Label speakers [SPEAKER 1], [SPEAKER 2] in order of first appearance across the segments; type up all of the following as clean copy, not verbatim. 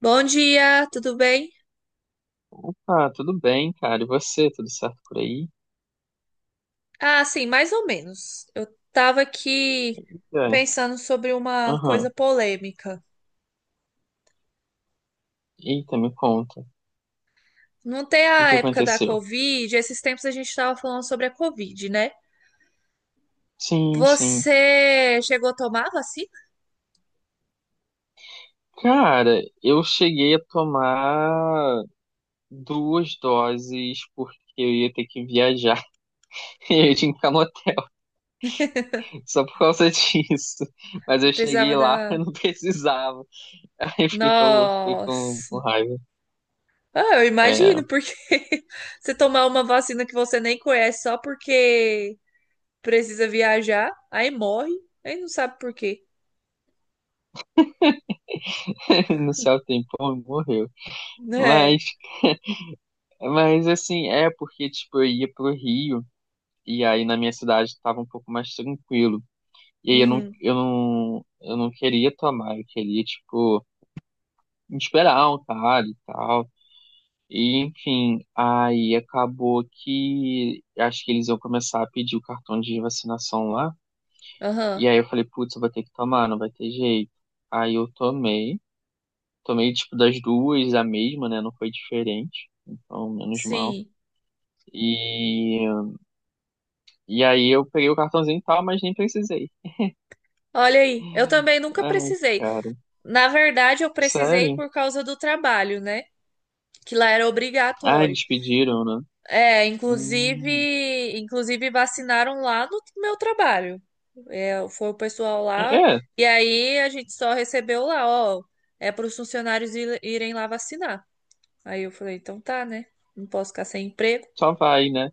[SPEAKER 1] Bom dia, tudo bem?
[SPEAKER 2] Ah, tudo bem, cara. E você, tudo certo por aí?
[SPEAKER 1] Ah, sim, mais ou menos. Eu tava aqui
[SPEAKER 2] É.
[SPEAKER 1] pensando sobre uma
[SPEAKER 2] Aham.
[SPEAKER 1] coisa polêmica.
[SPEAKER 2] Eita, me conta. O
[SPEAKER 1] Não tem
[SPEAKER 2] que
[SPEAKER 1] a
[SPEAKER 2] que
[SPEAKER 1] época da
[SPEAKER 2] aconteceu?
[SPEAKER 1] Covid, esses tempos a gente tava falando sobre a Covid, né?
[SPEAKER 2] Sim, sim.
[SPEAKER 1] Você chegou a tomar a vacina?
[SPEAKER 2] Cara, eu cheguei a tomar duas doses porque eu ia ter que viajar. E eu tinha que ficar no hotel só por causa disso. Mas
[SPEAKER 1] Não
[SPEAKER 2] eu
[SPEAKER 1] Precisava
[SPEAKER 2] cheguei lá, eu
[SPEAKER 1] da.
[SPEAKER 2] não precisava. Aí eu fiquei com,
[SPEAKER 1] Nossa!
[SPEAKER 2] com raiva.
[SPEAKER 1] Ah, eu
[SPEAKER 2] É,
[SPEAKER 1] imagino, porque você tomar uma vacina que você nem conhece só porque precisa viajar, aí morre, aí não sabe por quê,
[SPEAKER 2] no céu tem pão, morreu.
[SPEAKER 1] né?
[SPEAKER 2] Mas, mas assim, é porque, tipo, eu ia pro Rio. E aí na minha cidade estava um pouco mais tranquilo. E aí eu não,
[SPEAKER 1] Uhum.
[SPEAKER 2] eu não, eu não queria tomar, eu queria, tipo, esperar um cara e tal. E enfim, aí acabou que acho que eles iam começar a pedir o cartão de vacinação lá.
[SPEAKER 1] Aham,
[SPEAKER 2] E aí eu falei, putz, eu vou ter que tomar, não vai ter jeito. Aí eu tomei tipo das duas a mesma, né? Não foi diferente, então menos mal.
[SPEAKER 1] sim.
[SPEAKER 2] E, e aí eu peguei o cartãozinho e tal, mas nem precisei.
[SPEAKER 1] Olha aí, eu também nunca
[SPEAKER 2] Ai,
[SPEAKER 1] precisei.
[SPEAKER 2] cara.
[SPEAKER 1] Na verdade, eu precisei
[SPEAKER 2] Sério?
[SPEAKER 1] por causa do trabalho, né? Que lá era
[SPEAKER 2] Ah,
[SPEAKER 1] obrigatório.
[SPEAKER 2] eles pediram, né?
[SPEAKER 1] É,
[SPEAKER 2] Hum.
[SPEAKER 1] inclusive vacinaram lá no meu trabalho. É, foi o pessoal
[SPEAKER 2] É,
[SPEAKER 1] lá
[SPEAKER 2] é,
[SPEAKER 1] e aí a gente só recebeu lá, ó, é para os funcionários irem lá vacinar. Aí eu falei, então tá, né? Não posso ficar sem emprego.
[SPEAKER 2] só vai, né?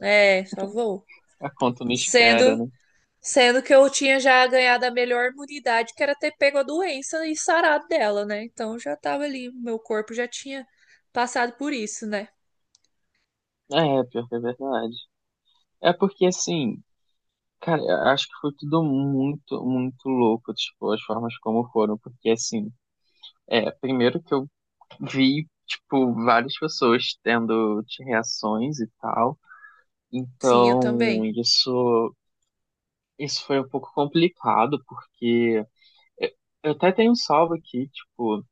[SPEAKER 1] É, só vou.
[SPEAKER 2] A conta não espera,
[SPEAKER 1] Sendo
[SPEAKER 2] né?
[SPEAKER 1] Sendo que eu tinha já ganhado a melhor imunidade, que era ter pego a doença e sarado dela, né? Então já tava ali, meu corpo já tinha passado por isso, né?
[SPEAKER 2] É, pior que é verdade. É porque, assim, cara, eu acho que foi tudo muito, muito louco, tipo, as formas como foram. Porque, assim, primeiro que eu vi, tipo, várias pessoas tendo reações e tal.
[SPEAKER 1] Sim, eu
[SPEAKER 2] Então,
[SPEAKER 1] também.
[SPEAKER 2] isso foi um pouco complicado, porque eu eu até tenho um salvo aqui, tipo.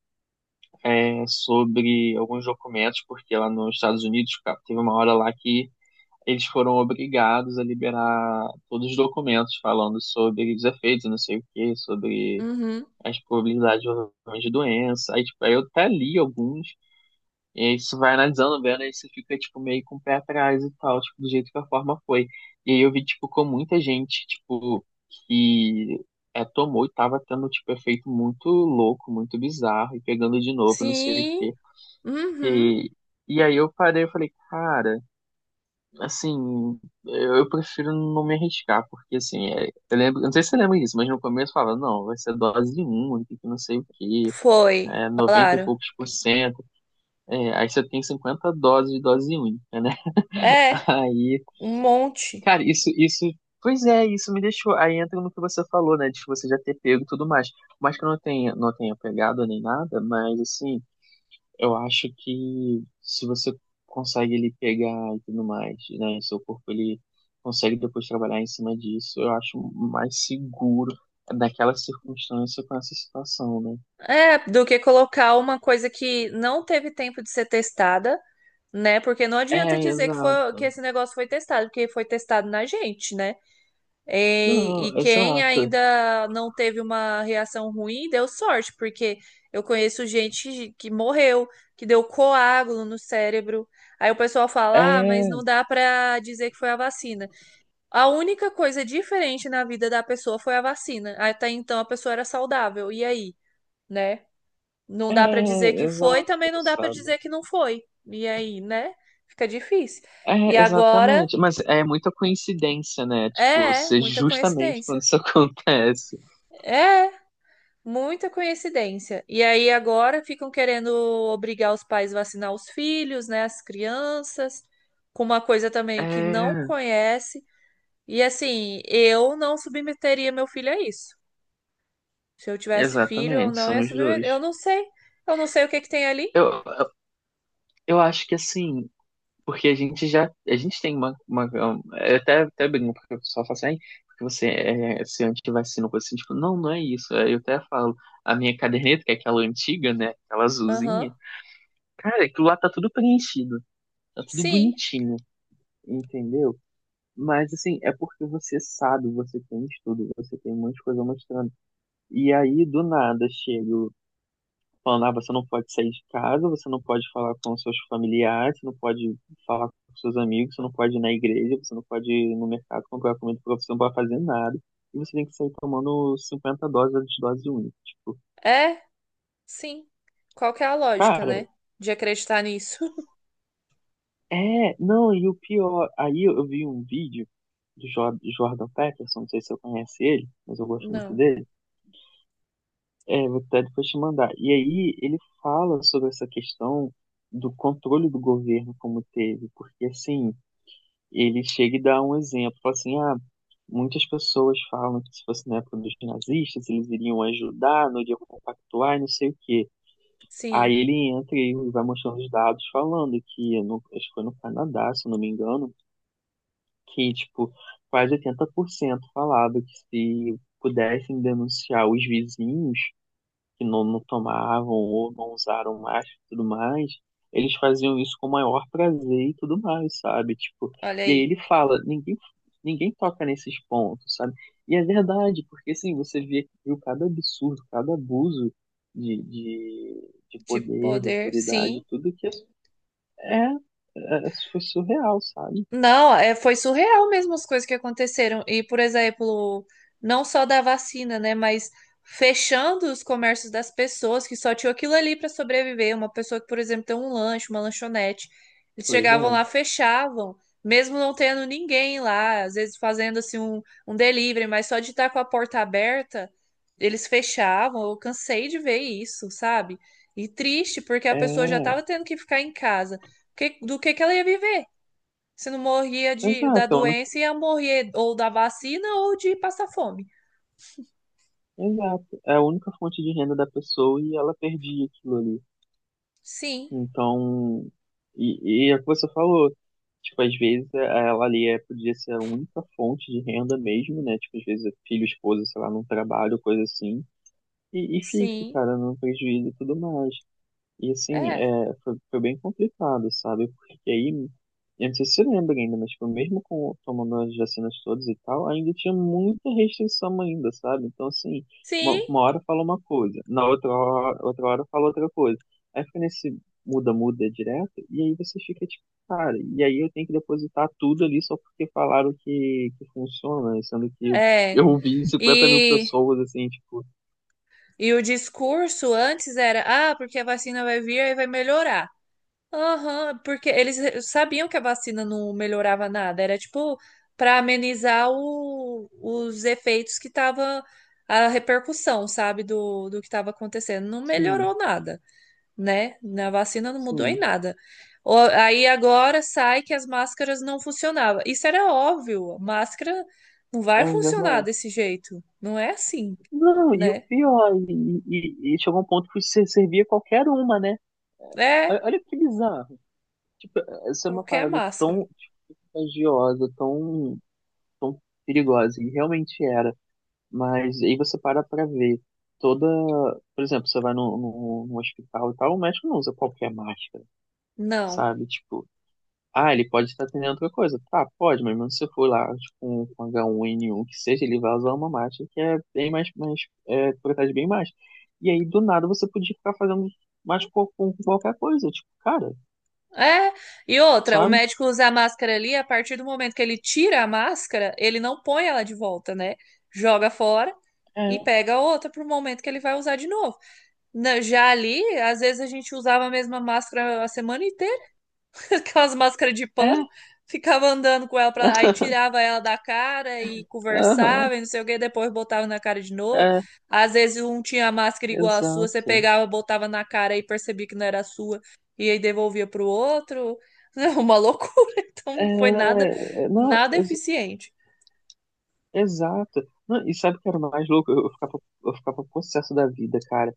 [SPEAKER 2] Sobre alguns documentos, porque lá nos Estados Unidos, cara, teve uma hora lá que eles foram obrigados a liberar todos os documentos falando sobre os efeitos, não sei o quê, sobre
[SPEAKER 1] Uhum.
[SPEAKER 2] as probabilidades de doença. Aí, tipo, aí eu até li alguns, e aí você vai analisando, vendo, aí você fica, tipo, meio com o pé atrás e tal, tipo, do jeito que a forma foi. E aí eu vi, tipo, com muita gente, tipo, que tomou e tava tendo, tipo, efeito muito louco, muito bizarro, e pegando de novo, não sei o
[SPEAKER 1] Sim.
[SPEAKER 2] quê.
[SPEAKER 1] Uhum.
[SPEAKER 2] E, e aí eu parei e falei, cara, assim, eu prefiro não me arriscar, porque assim, eu lembro, eu não sei se você lembra disso, mas no começo eu falava, não, vai ser dose única, que não sei o quê,
[SPEAKER 1] Foi.
[SPEAKER 2] noventa e
[SPEAKER 1] Falaram.
[SPEAKER 2] poucos por cento, aí você tem 50 doses de dose única, né?
[SPEAKER 1] É,
[SPEAKER 2] Aí,
[SPEAKER 1] um monte.
[SPEAKER 2] cara, isso, pois é, isso me deixou, aí entra no que você falou, né, de você já ter pego e tudo mais, mas que eu não tenha pegado nem nada, mas assim, eu acho que se você consegue ele pegar e tudo mais, né? Seu corpo ele consegue depois trabalhar em cima disso, eu acho mais seguro naquela circunstância com essa situação, né?
[SPEAKER 1] É, do que colocar uma coisa que não teve tempo de ser testada, né? Porque não adianta
[SPEAKER 2] É,
[SPEAKER 1] dizer que foi, que
[SPEAKER 2] exato.
[SPEAKER 1] esse negócio foi testado, porque foi testado na gente, né? E
[SPEAKER 2] Não,
[SPEAKER 1] quem
[SPEAKER 2] exato.
[SPEAKER 1] ainda não teve uma reação ruim deu sorte, porque eu conheço gente que morreu, que deu coágulo no cérebro. Aí o pessoal fala, ah, mas
[SPEAKER 2] É,
[SPEAKER 1] não dá pra dizer que foi a vacina. A única coisa diferente na vida da pessoa foi a vacina. Até então a pessoa era saudável. E aí, né? Não dá pra dizer
[SPEAKER 2] é,
[SPEAKER 1] que foi,
[SPEAKER 2] exato,
[SPEAKER 1] também não dá pra
[SPEAKER 2] sabe?
[SPEAKER 1] dizer que não foi. E aí, né? Fica difícil. E
[SPEAKER 2] É,
[SPEAKER 1] agora,
[SPEAKER 2] exatamente. Mas é muita coincidência, né? Tipo,
[SPEAKER 1] é, é,
[SPEAKER 2] ser
[SPEAKER 1] muita
[SPEAKER 2] justamente quando
[SPEAKER 1] coincidência.
[SPEAKER 2] isso acontece.
[SPEAKER 1] É. É. Muita coincidência. E aí agora ficam querendo obrigar os pais a vacinar os filhos, né, as crianças, com uma coisa também que não
[SPEAKER 2] É,
[SPEAKER 1] conhece. E assim, eu não submeteria meu filho a isso. Se eu tivesse filho, eu
[SPEAKER 2] exatamente,
[SPEAKER 1] não ia
[SPEAKER 2] somos
[SPEAKER 1] submeter.
[SPEAKER 2] dois.
[SPEAKER 1] Eu não sei. Eu não sei o que que tem ali.
[SPEAKER 2] Eu, eu eu acho que assim, porque a gente já, a gente tem uma, eu até brinco, porque o pessoal fala assim, "Ai, porque você é se antivacina, coisa assim, tipo, não, não é isso. Aí eu até falo, a minha caderneta, que é aquela antiga, né, aquela
[SPEAKER 1] Aham.
[SPEAKER 2] azulzinha, cara, aquilo lá tá tudo preenchido, tá tudo
[SPEAKER 1] Sim.
[SPEAKER 2] bonitinho, entendeu? Mas, assim, é porque você sabe, você tem estudo, você tem um monte de coisa mostrando. E aí, do nada, chega falando, ah, você não pode sair de casa, você não pode falar com seus familiares, você não pode falar com seus amigos, você não pode ir na igreja, você não pode ir no mercado comprar comida porque você não pode fazer nada. E você tem que sair tomando 50 doses antes de dose única. Tipo,
[SPEAKER 1] É, sim. Qual que é a lógica,
[SPEAKER 2] cara,
[SPEAKER 1] né? De acreditar nisso?
[SPEAKER 2] não, e o pior, aí eu vi um vídeo do Jordan Peterson, não sei se eu conhece ele, mas eu gosto muito
[SPEAKER 1] Não.
[SPEAKER 2] dele. É, vou até depois te mandar. E aí ele fala sobre essa questão do controle do governo como teve, porque assim, ele chega e dá um exemplo, fala assim, ah, muitas pessoas falam que se fosse na época dos nazistas, eles iriam ajudar, não iriam compactuar, e não sei o quê. Aí
[SPEAKER 1] Sim.
[SPEAKER 2] ele entra e vai mostrando os dados falando que, acho que foi no Canadá, se eu não me engano, que, tipo, quase 80% falava que se pudessem denunciar os vizinhos, que não, não tomavam ou não usaram mais e tudo mais, eles faziam isso com o maior prazer e tudo mais, sabe? Tipo,
[SPEAKER 1] Olha
[SPEAKER 2] e aí
[SPEAKER 1] aí.
[SPEAKER 2] ele fala, ninguém toca nesses pontos, sabe? E é verdade, porque assim, você viu cada absurdo, cada abuso de
[SPEAKER 1] De
[SPEAKER 2] poder, de
[SPEAKER 1] poder. Sim.
[SPEAKER 2] autoridade, tudo que é, foi surreal, sabe?
[SPEAKER 1] Não, é, foi surreal mesmo as coisas que aconteceram. E, por exemplo, não só da vacina, né, mas fechando os comércios das pessoas que só tinham aquilo ali para sobreviver. Uma pessoa que, por exemplo, tem um lanche, uma lanchonete. Eles
[SPEAKER 2] Pois
[SPEAKER 1] chegavam
[SPEAKER 2] é.
[SPEAKER 1] lá, fechavam, mesmo não tendo ninguém lá, às vezes fazendo um delivery, mas só de estar com a porta aberta, eles fechavam. Eu cansei de ver isso, sabe? E triste, porque a pessoa já
[SPEAKER 2] É,
[SPEAKER 1] estava tendo que ficar em casa. Do que ela ia viver? Se não morria de, da
[SPEAKER 2] exato, é a única,
[SPEAKER 1] doença, ia morrer ou da vacina ou de passar fome.
[SPEAKER 2] exato. É a única fonte de renda da pessoa e ela perdia aquilo ali.
[SPEAKER 1] Sim,
[SPEAKER 2] Então, e é o que você falou, tipo, às vezes ela ali podia ser a única fonte de renda mesmo, né? Tipo, às vezes é filho, esposa, sei lá, não trabalho, coisa assim. E fica,
[SPEAKER 1] sim,
[SPEAKER 2] cara, no prejuízo e tudo mais. E assim,
[SPEAKER 1] é.
[SPEAKER 2] foi bem complicado, sabe? Porque aí, eu não sei se você lembra ainda, mas tipo, mesmo com tomando as vacinas todas e tal, ainda tinha muita restrição ainda, sabe? Então, assim, uma,
[SPEAKER 1] Sim,
[SPEAKER 2] uma hora fala uma coisa, outra hora fala outra coisa. Aí fica nesse muda-muda direto, e aí você fica tipo, cara, e aí eu tenho que depositar tudo ali só porque falaram que funciona, sendo que eu,
[SPEAKER 1] é.
[SPEAKER 2] eu vi 50 mil
[SPEAKER 1] E,
[SPEAKER 2] pessoas, assim, tipo,
[SPEAKER 1] e o discurso antes era, ah, porque a vacina vai vir e vai melhorar. Aham, porque eles sabiam que a vacina não melhorava nada. Era tipo para amenizar os efeitos que tava a repercussão, sabe, do que estava acontecendo. Não
[SPEAKER 2] sim,
[SPEAKER 1] melhorou nada. Né? Na vacina não mudou em
[SPEAKER 2] sim,
[SPEAKER 1] nada. Aí agora sai que as máscaras não funcionavam. Isso era óbvio, máscara não vai
[SPEAKER 2] é
[SPEAKER 1] funcionar
[SPEAKER 2] verdade.
[SPEAKER 1] desse jeito. Não é assim,
[SPEAKER 2] Não, e o
[SPEAKER 1] né?
[SPEAKER 2] pior, e chegou um ponto que você servia qualquer uma, né?
[SPEAKER 1] É
[SPEAKER 2] Olha, olha que bizarro. Tipo, essa é uma
[SPEAKER 1] qualquer
[SPEAKER 2] parada
[SPEAKER 1] máscara.
[SPEAKER 2] tão tipo, contagiosa, tão perigosa, e realmente era. Mas aí você para pra ver toda. Por exemplo, você vai no hospital e tal, o médico não usa qualquer máscara,
[SPEAKER 1] Não.
[SPEAKER 2] sabe? Tipo, ah, ele pode estar treinando outra coisa. Tá, pode, mas mesmo se eu for lá tipo, com H1N1, que seja, ele vai usar uma máscara que é bem mais, protege bem mais. E aí, do nada, você podia ficar fazendo mais com qualquer coisa. Tipo, cara,
[SPEAKER 1] É. E outra, o
[SPEAKER 2] sabe?
[SPEAKER 1] médico usa a máscara ali, a partir do momento que ele tira a máscara, ele não põe ela de volta, né? Joga fora e
[SPEAKER 2] É,
[SPEAKER 1] pega outra pro momento que ele vai usar de novo. Já ali, às vezes a gente usava a mesma máscara a semana inteira. Aquelas máscaras de
[SPEAKER 2] é.
[SPEAKER 1] pano, ficava andando com ela, pra aí tirava ela da cara e
[SPEAKER 2] Aham,
[SPEAKER 1] conversava e não sei o que, depois botava na cara de novo.
[SPEAKER 2] é,
[SPEAKER 1] Às vezes um tinha a máscara igual a sua, você
[SPEAKER 2] exato.
[SPEAKER 1] pegava, botava na cara e percebia que não era a sua, e aí devolvia pro outro. É uma loucura, então não foi nada,
[SPEAKER 2] É, não,
[SPEAKER 1] nada eficiente.
[SPEAKER 2] exato. Não, e sabe o que era mais louco? Eu ficava possesso da vida, cara.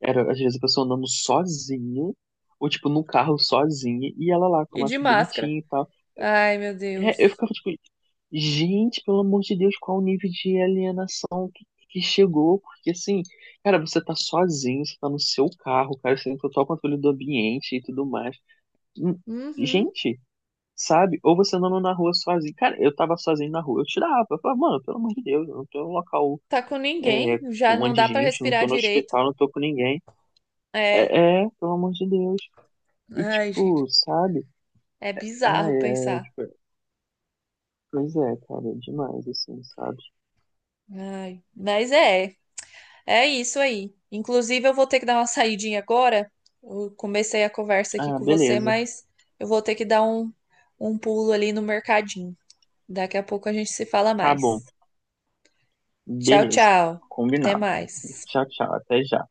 [SPEAKER 2] Era, às vezes, a pessoa andando sozinha, ou, tipo, num carro sozinha, e ela lá, com a
[SPEAKER 1] E de
[SPEAKER 2] máscara
[SPEAKER 1] máscara.
[SPEAKER 2] bonitinha e tal.
[SPEAKER 1] Ai, meu
[SPEAKER 2] É, eu
[SPEAKER 1] Deus.
[SPEAKER 2] ficava, tipo, gente, pelo amor de Deus, qual o nível de alienação que chegou? Porque, assim, cara, você tá sozinho, você tá no seu carro, cara, você tem total controle do ambiente e tudo mais. Hum,
[SPEAKER 1] Uhum.
[SPEAKER 2] Gente, sabe? Ou você andando na rua sozinho. Cara, eu tava sozinho na rua, eu tirava. Eu falava, mano, pelo amor de Deus, eu não tô em um local,
[SPEAKER 1] Tá com ninguém,
[SPEAKER 2] com
[SPEAKER 1] já
[SPEAKER 2] um
[SPEAKER 1] não
[SPEAKER 2] monte de
[SPEAKER 1] dá pra
[SPEAKER 2] gente, não
[SPEAKER 1] respirar
[SPEAKER 2] tô no
[SPEAKER 1] direito.
[SPEAKER 2] hospital, não tô com ninguém.
[SPEAKER 1] É.
[SPEAKER 2] É, é, pelo amor de Deus. E
[SPEAKER 1] Ai, gente,
[SPEAKER 2] tipo, sabe?
[SPEAKER 1] é
[SPEAKER 2] Ah,
[SPEAKER 1] bizarro
[SPEAKER 2] é,
[SPEAKER 1] pensar.
[SPEAKER 2] tipo, pois é, cara, é demais, assim, sabe?
[SPEAKER 1] Ai, mas é, é isso aí. Inclusive, eu vou ter que dar uma saidinha agora. Eu comecei a conversa aqui
[SPEAKER 2] Ah,
[SPEAKER 1] com você,
[SPEAKER 2] beleza.
[SPEAKER 1] mas eu vou ter que dar um pulo ali no mercadinho. Daqui a pouco a gente se fala
[SPEAKER 2] Tá bom.
[SPEAKER 1] mais. Tchau,
[SPEAKER 2] Beleza.
[SPEAKER 1] tchau. Até
[SPEAKER 2] Combinado.
[SPEAKER 1] mais.
[SPEAKER 2] Tchau, tchau. Até já.